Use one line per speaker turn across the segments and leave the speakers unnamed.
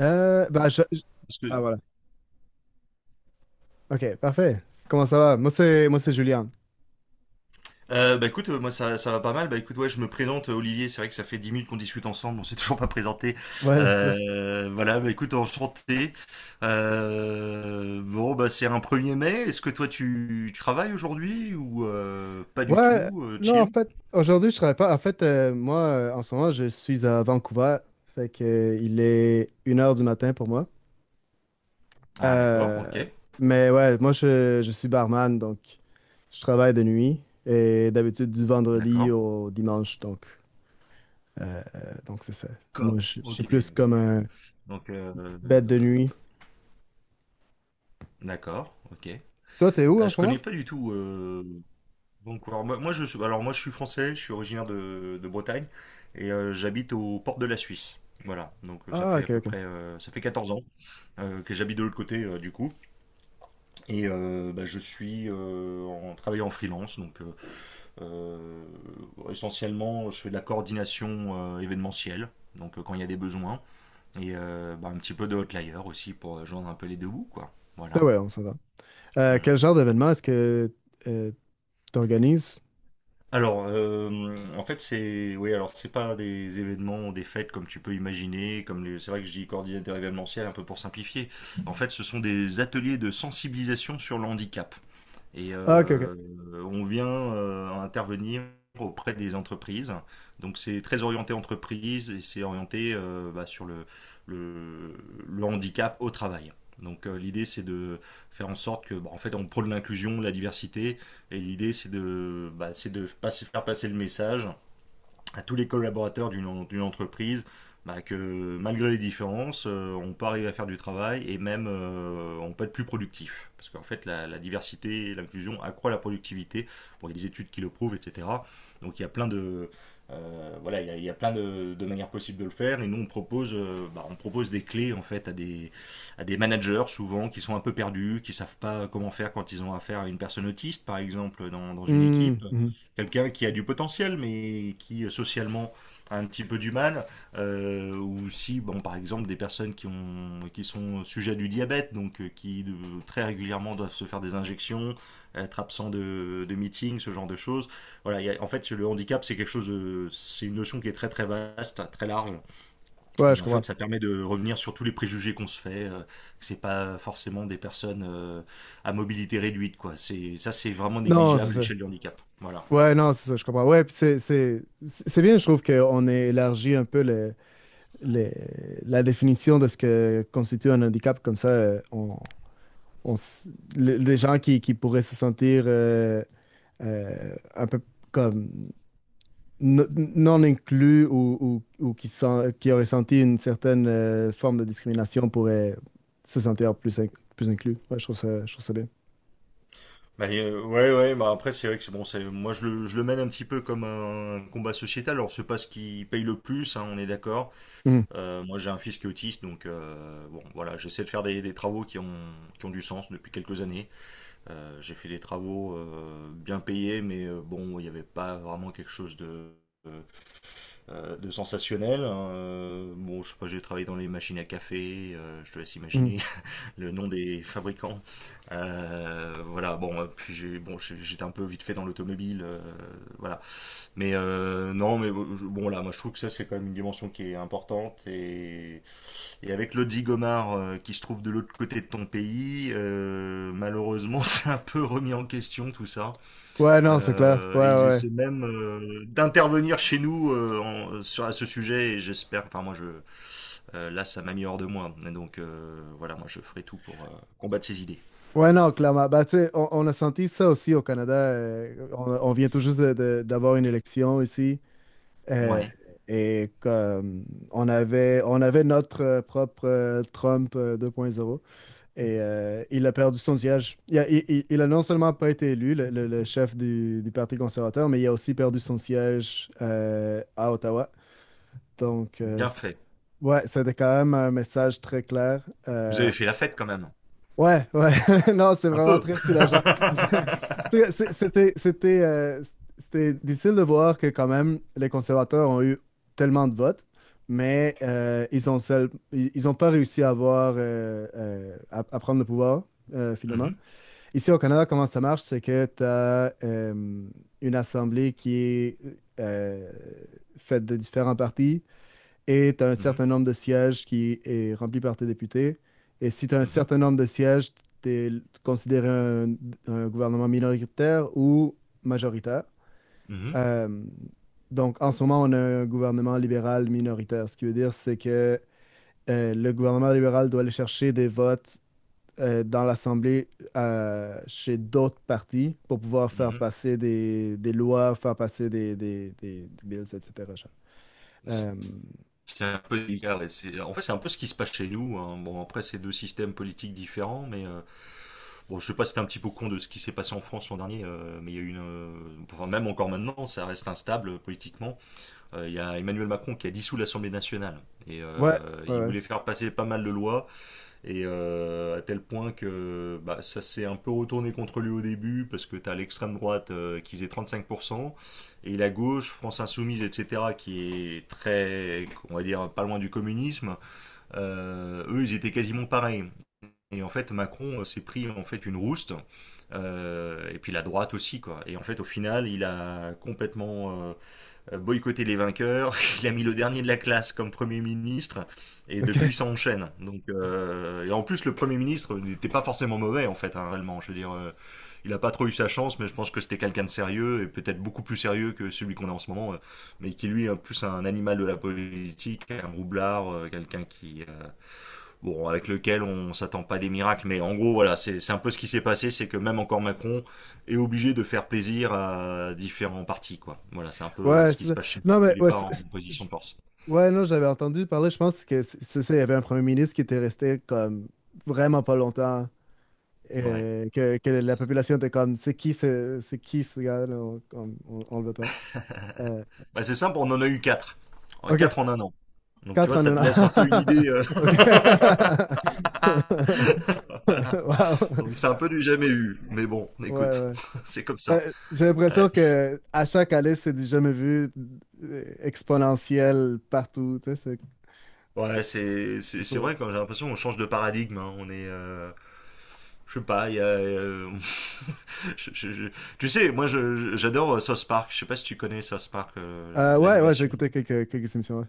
Euh, bah, je- je-
Parce
Ah,
que...
voilà. Ok, parfait. Comment ça va? Moi, c'est Julien.
Bah écoute, moi ça va pas mal. Bah écoute, ouais, je me présente, Olivier. C'est vrai que ça fait 10 minutes qu'on discute ensemble, on s'est toujours pas présenté.
Voilà, ça.
Voilà, bah écoute, enchanté. Bon, bah c'est un 1er mai. Est-ce que toi tu travailles aujourd'hui ou pas du
Ouais,
tout,
non, en
Chill.
fait, aujourd'hui, je travaille pas. En fait, moi, en ce moment, je suis à Vancouver. Fait que, il est une heure du matin pour moi.
Ah d'accord, ok.
Euh, mais ouais, moi, je suis barman, donc je travaille de nuit. Et d'habitude, du vendredi
D'accord.
au dimanche, euh, donc c'est ça. Moi,
D'accord,
je suis
ok.
plus comme un
Donc,
bête de nuit.
d'accord, ok.
Toi, t'es où en
Je
ce moment?
connais pas du tout. Donc, alors, alors moi je suis français, je suis originaire de Bretagne et j'habite aux portes de la Suisse. Voilà, donc ça
Ah,
fait à
ok,
peu
ok.
près ça fait 14 ans, que j'habite de l'autre côté, du coup. Et bah, je suis en travaillant en freelance, donc euh, essentiellement je fais de la coordination événementielle, donc quand il y a des besoins, et bah, un petit peu de hotlayer aussi pour joindre un peu les deux bouts, quoi.
Ben
Voilà.
ouais, on s'en va.
Mmh.
Quel genre d'événement est-ce que tu organises?
Alors, en fait, c'est oui, alors c'est pas des événements, des fêtes comme tu peux imaginer, c'est vrai que je dis coordinateur événementiel un peu pour simplifier. En fait, ce sont des ateliers de sensibilisation sur le handicap. Et
Ah, ok, ok.
on vient intervenir auprès des entreprises. Donc c'est très orienté entreprise et c'est orienté bah, sur le, le handicap au travail. Donc l'idée c'est de faire en sorte que, bah, en fait, on prône l'inclusion, la diversité, et l'idée c'est de, bah, faire passer le message à tous les collaborateurs d'une entreprise bah, que malgré les différences, on peut arriver à faire du travail et même on peut être plus productif. Parce qu'en fait, la diversité et l'inclusion accroît la productivité. Bon, il y a des études qui le prouvent, etc. Donc il y a plein de, voilà, il y a plein de manières possibles de le faire. Et nous, on propose, bah, on propose des clés en fait à des managers souvent qui sont un peu perdus, qui savent pas comment faire quand ils ont affaire à une personne autiste, par exemple, dans une
Hmm,
équipe
mhm.
quelqu'un qui a du potentiel, mais qui socialement a un petit peu du mal, ou si, bon, par exemple, des personnes qui sont sujets à du diabète, donc qui très régulièrement doivent se faire des injections, être absent de meetings, ce genre de choses. Voilà, en fait, le handicap, c'est quelque chose, c'est une notion qui est très très vaste, très large,
Ouais,
et
je
en fait,
comprends.
ça permet de revenir sur tous les préjugés qu'on se fait. Que c'est pas forcément des personnes à mobilité réduite, quoi. C'est ça, c'est vraiment
Non, c'est
négligeable à
ça.
l'échelle du handicap. Voilà.
Ouais, non, c'est ça, je comprends. Ouais, puis c'est bien, je trouve qu'on ait élargi un peu le- la définition de ce que constitue un handicap. Comme ça, on s- les gens qui pourraient se sentir un peu comme n- non inclus ou qui auraient senti une certaine forme de discrimination pourraient se sentir plus inclus. Je trouve ça bien.
Bah, ouais, ouais, bah après, c'est vrai que c'est bon, c'est, moi je le mène un petit peu comme un combat sociétal. Alors, c'est pas ce qui paye le plus, hein, on est d'accord.
Mhm.
Moi, j'ai un fils qui est autiste, donc bon, voilà, j'essaie de faire des travaux qui ont du sens depuis quelques années. J'ai fait des travaux bien payés, mais bon, il n'y avait pas vraiment quelque chose euh, de sensationnel. Hein. Bon, je sais pas, j'ai travaillé dans les machines à café, je te laisse
Mhm.
imaginer le nom des fabricants. Voilà, bon, puis bon, j'étais un peu vite fait dans l'automobile, voilà. Mais non, mais bon, bon, là, moi je trouve que ça c'est quand même une dimension qui est importante. Et avec l'Audi Gomard qui se trouve de l'autre côté de ton pays, malheureusement c'est un peu remis en question tout ça.
Ouais, non, c'est clair. Ouais,
Et ils
ouais.
essaient même d'intervenir chez nous à ce sujet. Et j'espère, là ça m'a mis hors de moi. Et donc voilà, moi je ferai tout pour combattre ces idées.
Ouais, non, clairement. Bah, tu sais, on a senti ça aussi au Canada. On vient tout juste d'avoir une élection ici. Euh,
Ouais,
et comme on avait notre propre Trump 2.0. Et il a perdu son siège. Il a, il- il a non seulement pas été élu, le chef du Parti conservateur, mais il a aussi perdu son siège à Ottawa. Donc, euh,
bien
c-
fait.
ouais, C'était quand même un message très clair.
Vous avez fait la fête quand même.
Ouais, ouais. Non, c'est
Un
vraiment
peu.
très soulageant. En tout cas, c'était difficile de voir que quand même, les conservateurs ont eu tellement de votes, mais ils ont pas réussi à avoir, à prendre le pouvoir, finalement.
Mhm,
Ici au Canada, comment ça marche? C'est que tu as une assemblée qui est euh, faite de différents partis et tu as un
mhm,
certain nombre de sièges qui est rempli par tes députés. Et si tu as un
mhm,
certain nombre de sièges, tu es considéré un gouvernement minoritaire ou majoritaire.
mhm,
Euh, donc en ce moment, on a un gouvernement libéral minoritaire. Ce qui veut dire, c'est que le gouvernement libéral doit aller chercher des votes dans l'Assemblée chez d'autres partis pour pouvoir faire passer des lois, faire passer des bills, etc. genre.
mhm.
Euh,
C'est un peu illégal. En fait, c'est un peu ce qui se passe chez nous. Hein. Bon, après, c'est deux systèmes politiques différents, mais bon, je sais pas si t'es un petit peu con de ce qui s'est passé en France l'an dernier, mais il y a eu une. Enfin, même encore maintenant, ça reste instable politiquement. Il y a Emmanuel Macron qui a dissous l'Assemblée nationale. Et
ouais, ouais,
il
ouais.
voulait faire passer pas mal de lois. Et à tel point que bah, ça s'est un peu retourné contre lui au début, parce que tu as l'extrême droite qui faisait 35%, et la gauche, France Insoumise, etc., qui est très, on va dire, pas loin du communisme, eux, ils étaient quasiment pareils. Et en fait, Macron s'est pris en fait une rouste, et puis la droite aussi, quoi. Et en fait, au final, il a complètement boycotter les vainqueurs. Il a mis le dernier de la classe comme Premier ministre. Et
OK.
depuis, ça enchaîne. Donc, et en plus, le Premier ministre n'était pas forcément mauvais, en fait, hein, réellement. Je veux dire, il n'a pas trop eu sa chance, mais je pense que c'était quelqu'un de sérieux, et peut-être beaucoup plus sérieux que celui qu'on a en ce moment, mais qui, lui, est plus un animal de la politique, un roublard, quelqu'un qui, bon, avec lequel on s'attend pas des miracles, mais en gros, voilà, c'est un peu ce qui s'est passé, c'est que même encore Macron est obligé de faire plaisir à différents partis, quoi. Voilà, c'est un peu
Ouais,
ce qui
c'est
se
ça.
passe chez lui.
Non, mais
Il est
ouais,
pas en
c'est-
position
je-
de force.
Ouais, non, j'avais entendu parler, je pense que c'est ça, il y avait un premier ministre qui était resté comme vraiment pas longtemps.
Ouais.
Que la population était comme c'est qui ce gars-là on le veut pas. Euh,
Bah, c'est simple, on en a eu quatre.
ok.
Quatre en un an. Donc, tu vois, ça te laisse un peu une idée.
4,99. OK.
Voilà.
Wow.
Donc, c'est un peu du jamais eu. Mais bon,
Ouais,
écoute,
ouais.
c'est comme ça.
Ouais, j'ai
Ouais.
l'impression que à chaque année, c'est du jamais vu exponentiel partout. Tu sais, c'est
Ouais,
c'est
c'est c'est
fou,
c'est
hein.
vrai quand j'ai l'impression qu'on change de paradigme. Hein. On est, je sais pas, je- je- je- tu sais, moi j'adore South Park. Je sais pas si tu connais South Park,
Ouais, ouais, j'ai
l'animation.
écouté quelques émissions. Ouais.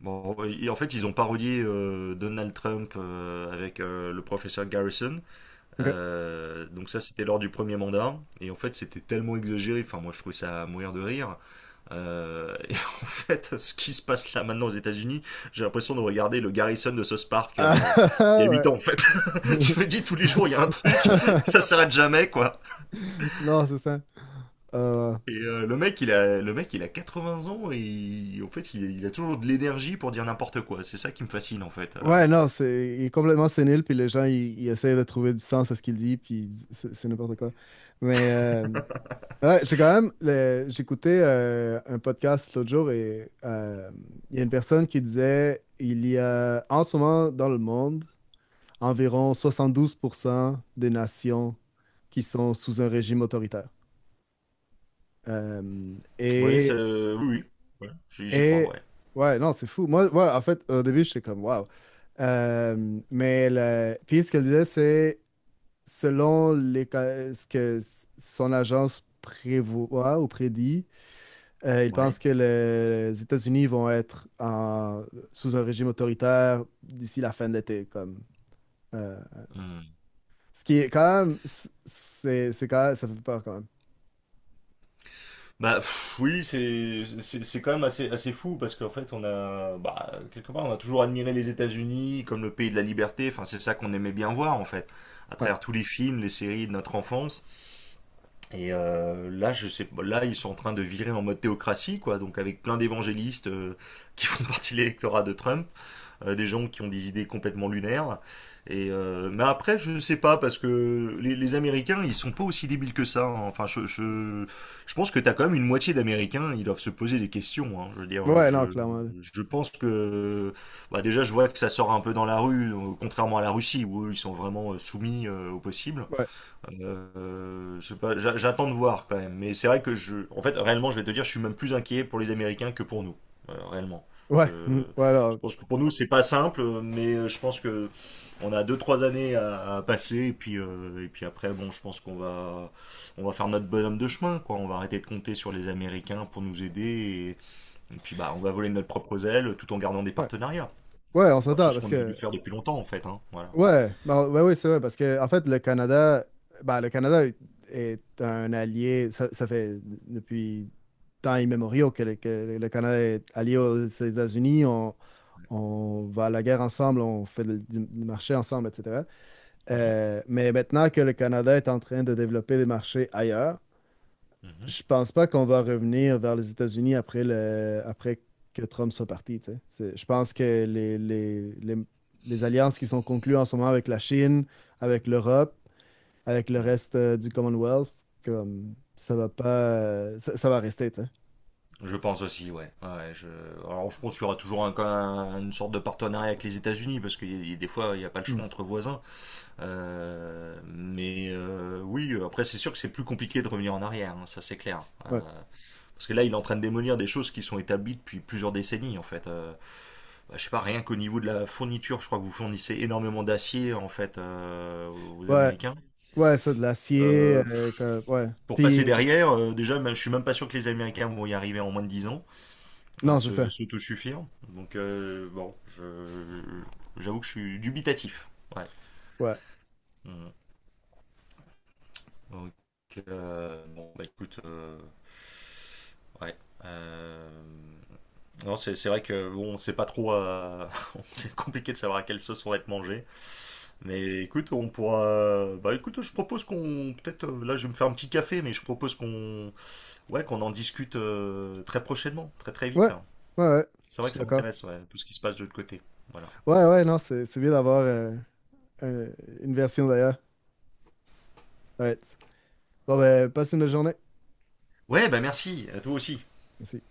Bon, et en fait ils ont parodié Donald Trump avec le professeur Garrison.
OK.
Donc ça c'était lors du premier mandat. Et en fait c'était tellement exagéré. Enfin moi je trouvais ça à mourir de rire. Et en fait, ce qui se passe là maintenant aux États-Unis, j'ai l'impression de regarder le Garrison de South Park
Ah,
il y a 8
ouais.
ans en fait. Je me dis tous les jours il y a un truc, ça s'arrête jamais quoi.
Non, c'est ça. Euh,
Et le mec il a 80 ans et en fait il a toujours de l'énergie pour dire n'importe quoi. C'est ça qui me fascine en fait.
ouais, non, c'est, il est complètement sénile, puis les gens, ils essayent de trouver du sens à ce qu'il dit, puis c'est n'importe quoi. Mais, euh, Ouais, j'ai quand même. J'écoutais un podcast l'autre jour et il y a une personne qui disait il y a en ce moment dans le monde environ 72% des nations qui sont sous un régime autoritaire. Euh,
Oui, c'est
et,
oui oui. Ouais, J'y crois
et.
ouais.
Ouais, non, c'est fou. Moi, ouais, en fait, au début, j'étais comme waouh. Mais puis ce qu'elle disait, c'est selon les, ca- ce que s- son agence prévoit ou prédit. Il
Ouais.
pense que les États-Unis vont être sous un régime autoritaire d'ici la fin de l'été, comme euh,
Hum.
ce qui est quand même c'est quand même ça fait peur quand même.
Bah pff, oui, c'est quand même assez assez fou parce qu'en fait on a bah, quelque part on a toujours admiré les États-Unis comme le pays de la liberté. Enfin c'est ça qu'on aimait bien voir en fait à
Ouais.
travers tous les films, les séries de notre enfance. Et là je sais pas, là ils sont en train de virer en mode théocratie quoi, donc avec plein d'évangélistes qui font partie de l'électorat de Trump des gens qui ont des idées complètement lunaires. Et mais après, je sais pas, parce que les, Américains, ils sont pas aussi débiles que ça. Hein. Enfin, je pense que t'as quand même une moitié d'Américains, ils doivent se poser des questions. Hein. Je veux dire,
Ouais, non, clairement. Là.
je pense que bah déjà, je vois que ça sort un peu dans la rue, contrairement à la Russie, où eux, ils sont vraiment soumis au possible.
Ouais.
Je sais pas, j'attends de voir quand même. Mais c'est vrai que en fait, réellement, je vais te dire, je suis même plus inquiet pour les Américains que pour nous, réellement.
Ouais. Mm,
Je,
ouais,
je
non,
pense que pour nous, c'est pas simple, mais je pense que on a deux trois années à passer et puis après, bon, je pense qu'on va on va faire notre bonhomme de chemin, quoi. On va arrêter de compter sur les Américains pour nous aider et puis bah, on va voler de notre propre aile tout en gardant des
ouais.
partenariats.
Ouais, on
Voilà, c'est
s'entend
ce
parce
qu'on aurait dû
que
faire depuis longtemps, en fait, hein. Voilà.
ouais, bah ouais, oui, c'est vrai parce que en fait le Canada est un allié. Ça fait depuis temps immémoriaux que le Canada est allié aux États-Unis, on va à la guerre ensemble, on fait du marché ensemble, etc.
Mhm.
Mais maintenant que le Canada est en train de développer des marchés ailleurs, je pense pas qu'on va revenir vers les États-Unis après que Trump soit parti, tu sais. Je pense que les alliances qui sont conclues en ce moment avec la Chine, avec l'Europe, avec le
Mhm.
reste du Commonwealth, comme ça va pas, ça va rester, tu sais.
Je pense aussi, ouais. Ouais je... Alors, je pense qu'il y aura toujours une sorte de partenariat avec les États-Unis, parce que des fois, il n'y a pas le choix
Hmm.
entre voisins. Mais oui, après, c'est sûr que c'est plus compliqué de revenir en arrière, hein, ça c'est clair.
Ouais.
Parce que là, il est en train de démolir des choses qui sont établies depuis plusieurs décennies, en fait. Bah, je sais pas, rien qu'au niveau de la fourniture, je crois que vous fournissez énormément d'acier, en fait, aux
Ouais,
Américains.
ouais, c'est de l'acier,
Euh,
ouais.
pour passer
Puis,
derrière, déjà, je suis même pas sûr que les Américains vont y arriver en moins de 10 ans à
non, c'est
se
ça.
s'auto-suffire. Donc, bon, j'avoue que je suis dubitatif. Ouais.
Ouais.
Mm. Donc, bon, bah écoute, ouais. euh, non, c'est vrai que bon, on sait pas trop. C'est compliqué de savoir à quelle sauce on va être mangé. Mais écoute, on pourra. Bah écoute, je propose qu'on. Peut-être. Là, je vais me faire un petit café, mais je propose qu'on. Ouais, qu'on en discute très prochainement, très très
Ouais.
vite.
Ouais, ouais.
C'est
Je
vrai que
suis
ça
d'accord.
m'intéresse, ouais, tout ce qui se passe de l'autre côté. Voilà.
Ouais, ouais, non, c'est bien d'avoir un- une version d'ailleurs. Ouais. Bon, ben, passe une bonne journée.
Ouais, bah merci, à toi aussi.
Merci.